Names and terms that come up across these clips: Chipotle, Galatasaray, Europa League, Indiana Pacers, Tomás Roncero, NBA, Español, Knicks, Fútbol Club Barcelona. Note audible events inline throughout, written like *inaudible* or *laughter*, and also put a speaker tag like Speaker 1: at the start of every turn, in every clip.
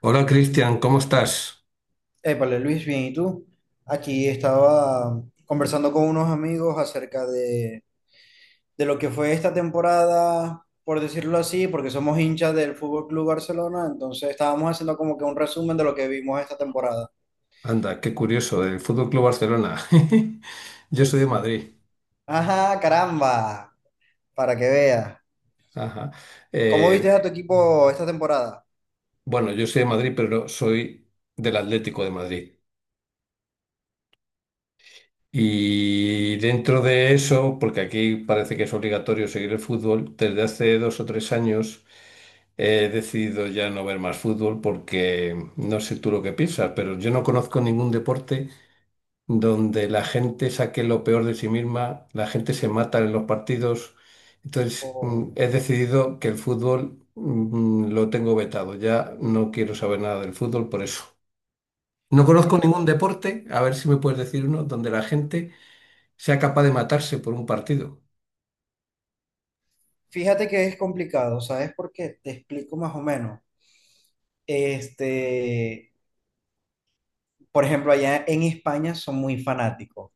Speaker 1: Hola Cristian, ¿cómo estás?
Speaker 2: Épale, Luis, bien, ¿y tú? Aquí estaba conversando con unos amigos acerca de lo que fue esta temporada, por decirlo así, porque somos hinchas del Fútbol Club Barcelona, entonces estábamos haciendo como que un resumen de lo que vimos esta temporada.
Speaker 1: Anda, qué curioso, del Fútbol Club Barcelona. *laughs* Yo
Speaker 2: Sí,
Speaker 1: soy de
Speaker 2: sí.
Speaker 1: Madrid.
Speaker 2: Ajá, caramba, para que veas.
Speaker 1: Ajá.
Speaker 2: ¿Cómo viste
Speaker 1: Eh,
Speaker 2: a tu equipo esta temporada?
Speaker 1: bueno, yo soy de Madrid, pero no, soy del Atlético de Madrid. Y dentro de eso, porque aquí parece que es obligatorio seguir el fútbol, desde hace dos o tres años he decidido ya no ver más fútbol porque no sé tú lo que piensas, pero yo no conozco ningún deporte donde la gente saque lo peor de sí misma, la gente se mata en los partidos. Entonces,
Speaker 2: Oh,
Speaker 1: he decidido que el fútbol lo tengo vetado. Ya no quiero saber nada del fútbol por eso. No conozco
Speaker 2: bueno,
Speaker 1: ningún deporte, a ver si me puedes decir uno, donde la gente sea capaz de matarse por un partido.
Speaker 2: fíjate que es complicado, ¿sabes por qué? Te explico más o menos. Este, por ejemplo, allá en España son muy fanáticos.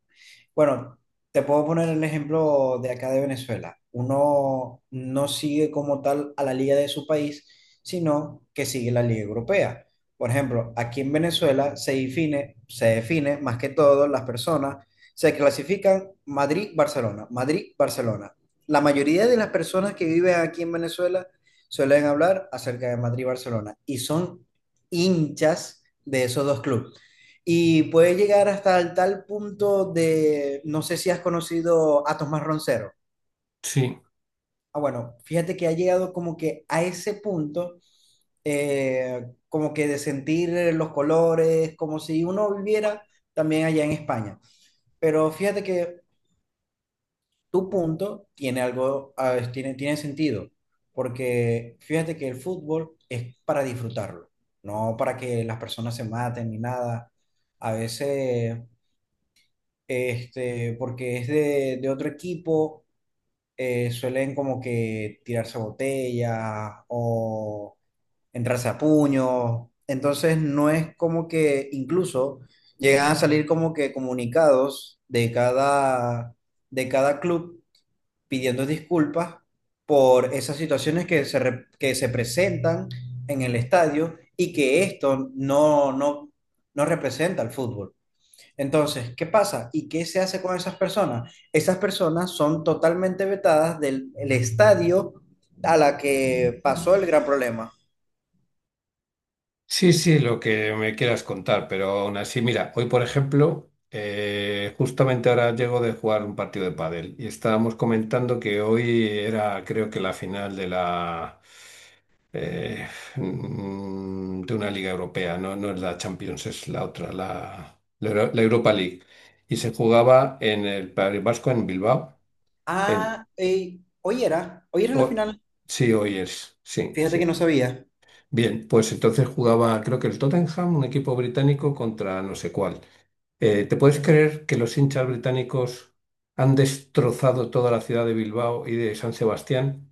Speaker 2: Bueno, te puedo poner el ejemplo de acá de Venezuela. Uno no sigue como tal a la liga de su país, sino que sigue la liga europea. Por ejemplo, aquí en Venezuela se define más que todo las personas, se clasifican Madrid-Barcelona, Madrid-Barcelona. La mayoría de las personas que viven aquí en Venezuela suelen hablar acerca de Madrid-Barcelona y son hinchas de esos dos clubes y puede llegar hasta el tal punto de, no sé si has conocido a Tomás Roncero.
Speaker 1: Sí.
Speaker 2: Ah, bueno, fíjate que ha llegado como que a ese punto, como que de sentir los colores, como si uno viviera también allá en España. Pero fíjate que tu punto tiene algo, ah, tiene sentido, porque fíjate que el fútbol es para disfrutarlo, no para que las personas se maten ni nada. A veces porque es de otro equipo, suelen como que tirarse botellas o entrarse a puños. Entonces no es como que incluso llegan a salir como que comunicados de cada club pidiendo disculpas por esas situaciones que se presentan en el estadio y que esto no, no, no representa al fútbol. Entonces, ¿qué pasa? ¿Y qué se hace con esas personas? Esas personas son totalmente vetadas del el estadio a la que pasó el gran problema.
Speaker 1: Sí, sí, lo que me quieras contar, pero aún así, mira, hoy por ejemplo, justamente ahora llego de jugar un partido de pádel y estábamos comentando que hoy era, creo que la final de la eh, de una liga europea, no, no es la Champions, es la otra, la Europa League y se jugaba en el País Vasco en Bilbao. En,
Speaker 2: Ah, ey, hoy era la
Speaker 1: o-
Speaker 2: final.
Speaker 1: sí, hoy es, sí,
Speaker 2: Fíjate que no
Speaker 1: sí.
Speaker 2: sabía.
Speaker 1: Bien, pues entonces jugaba, creo que el Tottenham, un equipo británico, contra no sé cuál. ¿Te puedes creer que los hinchas británicos han destrozado toda la ciudad de Bilbao y de San Sebastián?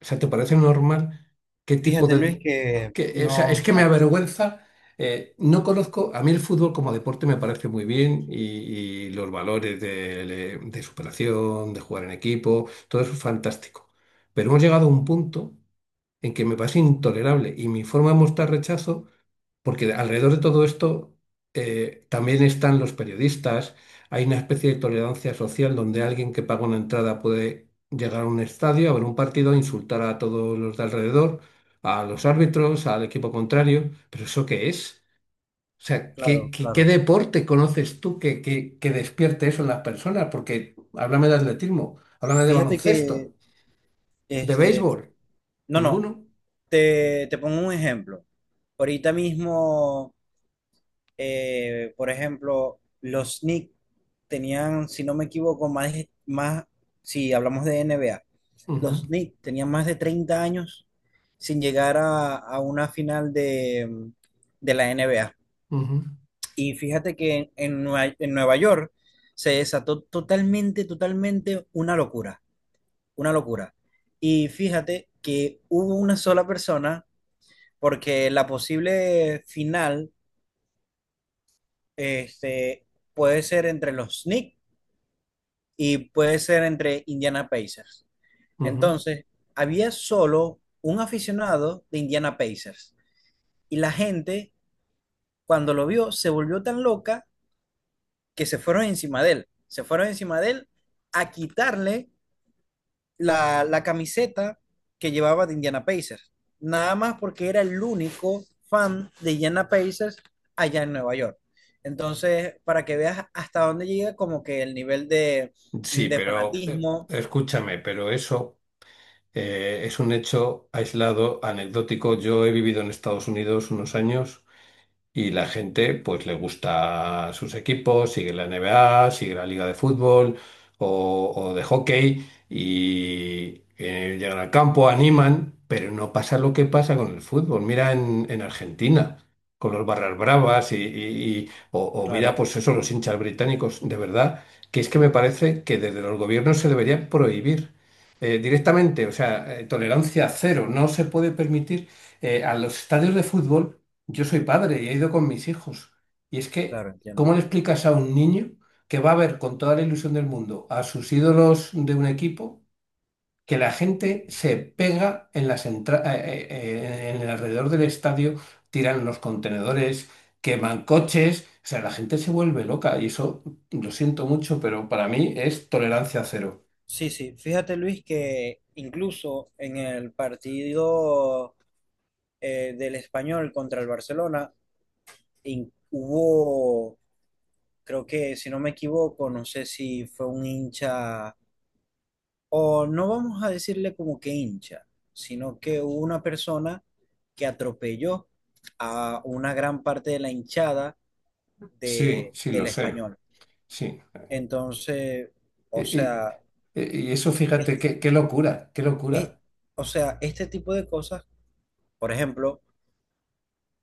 Speaker 1: O sea, ¿te parece normal? ¿Qué tipo
Speaker 2: Fíjate,
Speaker 1: de...?
Speaker 2: Luis, que
Speaker 1: O sea,
Speaker 2: no, o
Speaker 1: es que me
Speaker 2: sea,
Speaker 1: avergüenza. No conozco, a mí el fútbol como deporte me parece muy bien y los valores de superación, de jugar en equipo, todo eso es fantástico. Pero hemos llegado a un punto en que me parece intolerable y mi forma de mostrar rechazo porque alrededor de todo esto también están los periodistas. Hay una especie de tolerancia social donde alguien que paga una entrada puede llegar a un estadio, a ver un partido, insultar a todos los de alrededor, a los árbitros, al equipo contrario. ¿Pero eso qué es? O sea, ¿qué,
Speaker 2: claro,
Speaker 1: qué- qué
Speaker 2: claro.
Speaker 1: deporte conoces tú que despierte eso en las personas? Porque háblame de atletismo, háblame de
Speaker 2: Fíjate que,
Speaker 1: baloncesto, de
Speaker 2: este,
Speaker 1: béisbol.
Speaker 2: no, no,
Speaker 1: Ninguno.
Speaker 2: te pongo un ejemplo. Ahorita mismo por ejemplo, los Knicks tenían, si no me equivoco, más, si hablamos de NBA, los
Speaker 1: Ujú,
Speaker 2: Knicks tenían más de 30 años sin llegar a una final de la NBA.
Speaker 1: ujú,
Speaker 2: Y fíjate que en Nueva York se desató totalmente, totalmente una locura, una locura. Y fíjate que hubo una sola persona, porque la posible final este, puede ser entre los Knicks y puede ser entre Indiana Pacers.
Speaker 1: ujú.
Speaker 2: Entonces, había solo un aficionado de Indiana Pacers y la gente, cuando lo vio, se volvió tan loca que se fueron encima de él. Se fueron encima de él a quitarle la camiseta que llevaba de Indiana Pacers. Nada más porque era el único fan de Indiana Pacers allá en Nueva York. Entonces, para que veas hasta dónde llega como que el nivel de,
Speaker 1: Sí,
Speaker 2: de
Speaker 1: pero
Speaker 2: fanatismo.
Speaker 1: escúchame, pero eso es un hecho aislado, anecdótico. Yo he vivido en Estados Unidos unos años. Y la gente, pues, le gusta sus equipos, sigue la NBA, sigue la liga de fútbol o de hockey y llegan al campo, animan, pero no pasa lo que pasa con el fútbol. Mira en Argentina, con los barras bravas y o mira,
Speaker 2: Claro,
Speaker 1: pues eso, los hinchas británicos, de verdad, que es que me parece que desde los gobiernos se debería prohibir directamente, o sea, tolerancia cero, no se puede permitir a los estadios de fútbol, yo soy padre y he ido con mis hijos. Y es que,
Speaker 2: claro, entiendo.
Speaker 1: ¿cómo le explicas a un niño que va a ver con toda la ilusión del mundo a sus ídolos de un equipo que la gente se pega en en el alrededor del estadio, tiran los contenedores, queman coches? O sea, la gente se vuelve loca y eso lo siento mucho, pero para mí es tolerancia cero.
Speaker 2: Sí, sí, fíjate, Luis, que incluso en el partido del Español contra el Barcelona hubo, creo que si no me equivoco, no sé si fue un hincha o no vamos a decirle como que hincha, sino que hubo una persona que atropelló a una gran parte de la hinchada
Speaker 1: Sí,
Speaker 2: de,
Speaker 1: sí,
Speaker 2: del
Speaker 1: lo sé,
Speaker 2: Español.
Speaker 1: sí.
Speaker 2: Entonces, o
Speaker 1: Y, y-
Speaker 2: sea,
Speaker 1: y eso, fíjate,
Speaker 2: es-
Speaker 1: qué locura, qué
Speaker 2: es-
Speaker 1: locura.
Speaker 2: o sea, este tipo de cosas, por ejemplo,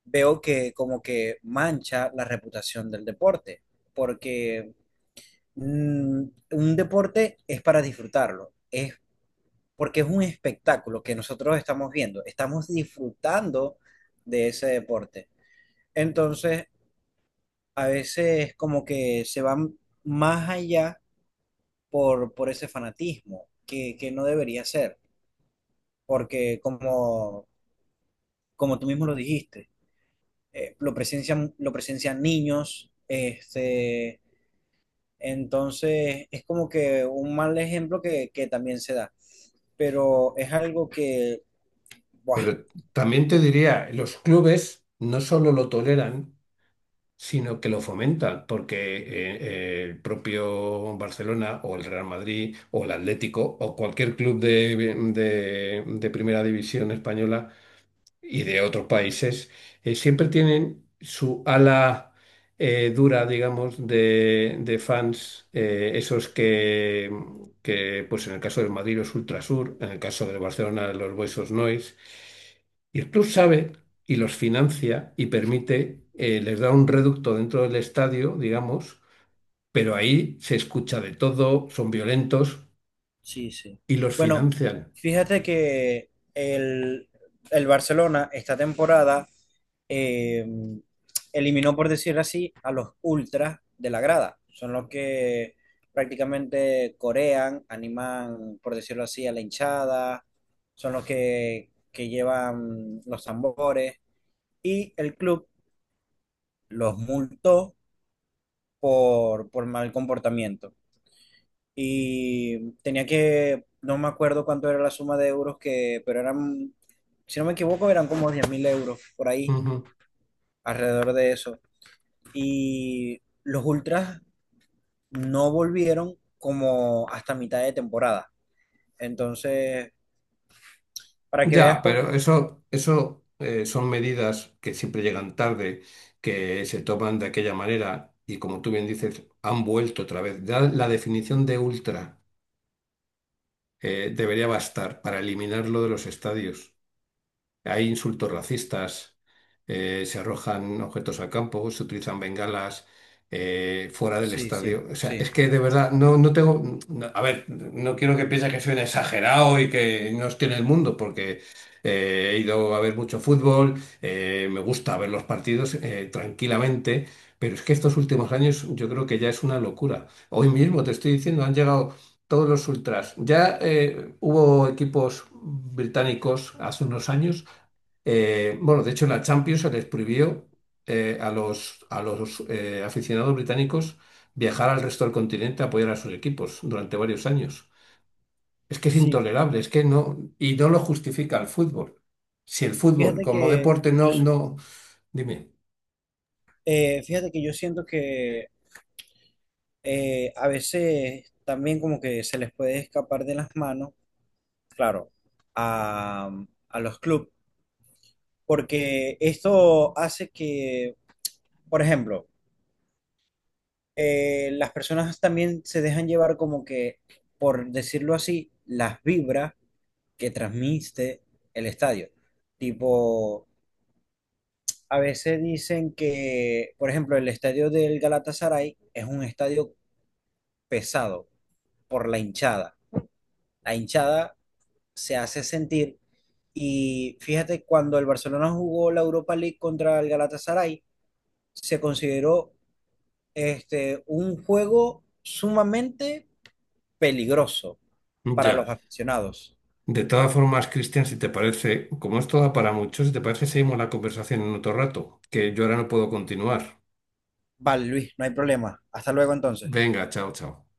Speaker 2: veo que como que mancha la reputación del deporte, porque mm, un deporte es para disfrutarlo, es porque es un espectáculo que nosotros estamos viendo, estamos disfrutando de ese deporte. Entonces, a veces como que se van más allá por ese fanatismo, que no debería ser, porque como tú mismo lo dijiste, lo presencian niños, entonces, es como que un mal ejemplo que también se da, pero es algo que, buah,
Speaker 1: Pero también te diría, los clubes no solo lo toleran, sino que lo fomentan, porque el propio Barcelona o el Real Madrid o el Atlético o cualquier club de primera división española y de otros países, siempre tienen su ala dura, digamos, de fans, esos pues en el caso del Madrid los Ultrasur, en el caso del Barcelona los Boys Nois, y el club sabe y los financia y permite, les da un reducto dentro del estadio, digamos, pero ahí se escucha de todo, son violentos
Speaker 2: sí, sí.
Speaker 1: y los
Speaker 2: Bueno,
Speaker 1: financian.
Speaker 2: fíjate que el Barcelona esta temporada eh, eliminó, por decirlo así, a los ultras de la grada. Son los que prácticamente corean, animan, por decirlo así, a la hinchada, son los que llevan los tambores y el club los multó por mal comportamiento. Y tenía que, no me acuerdo cuánto era la suma de euros que, pero eran, si no me equivoco, eran como 10.000 euros por ahí, alrededor de eso. Y los ultras no volvieron como hasta mitad de temporada. Entonces, para que veas
Speaker 1: Ya,
Speaker 2: cómo...
Speaker 1: pero eso, son medidas que siempre llegan tarde, que se toman de aquella manera y como tú bien dices, han vuelto otra vez. Ya la definición de ultra debería bastar para eliminarlo de los estadios. Hay insultos racistas, se arrojan objetos al campo, se utilizan bengalas fuera del
Speaker 2: Sí, sí,
Speaker 1: estadio. O sea,
Speaker 2: sí.
Speaker 1: es que de verdad no, no tengo. A ver, no quiero que piense que soy un exagerado y que no estoy en el mundo, porque he ido a ver mucho fútbol, me gusta ver los partidos tranquilamente, pero es que estos últimos años yo creo que ya es una locura. Hoy mismo te estoy diciendo, han llegado todos los ultras. Ya hubo equipos británicos hace unos años bueno, de hecho, en la Champions se les prohibió a los aficionados británicos viajar al resto del continente a apoyar a sus equipos durante varios años. Es que es
Speaker 2: Sí,
Speaker 1: intolerable, es que no, y no lo justifica el fútbol. Si el fútbol
Speaker 2: fíjate
Speaker 1: como
Speaker 2: que
Speaker 1: deporte
Speaker 2: yo,
Speaker 1: no, no, dime.
Speaker 2: fíjate que yo siento que a veces también como que se les puede escapar de las manos, claro, a, a los clubes, porque esto hace que, por ejemplo, las personas también se dejan llevar como que, por decirlo así, las vibras que transmite el estadio. Tipo, a veces dicen que, por ejemplo, el estadio del Galatasaray es un estadio pesado por la hinchada. La hinchada se hace sentir. Y fíjate, cuando el Barcelona jugó la Europa League contra el Galatasaray, se consideró un juego sumamente peligroso para los
Speaker 1: Ya.
Speaker 2: aficionados.
Speaker 1: De todas formas, Cristian, si te parece, como esto da para mucho, si te parece, seguimos la conversación en otro rato, que yo ahora no puedo continuar.
Speaker 2: Vale, Luis, no hay problema. Hasta luego entonces.
Speaker 1: Venga, chao, chao.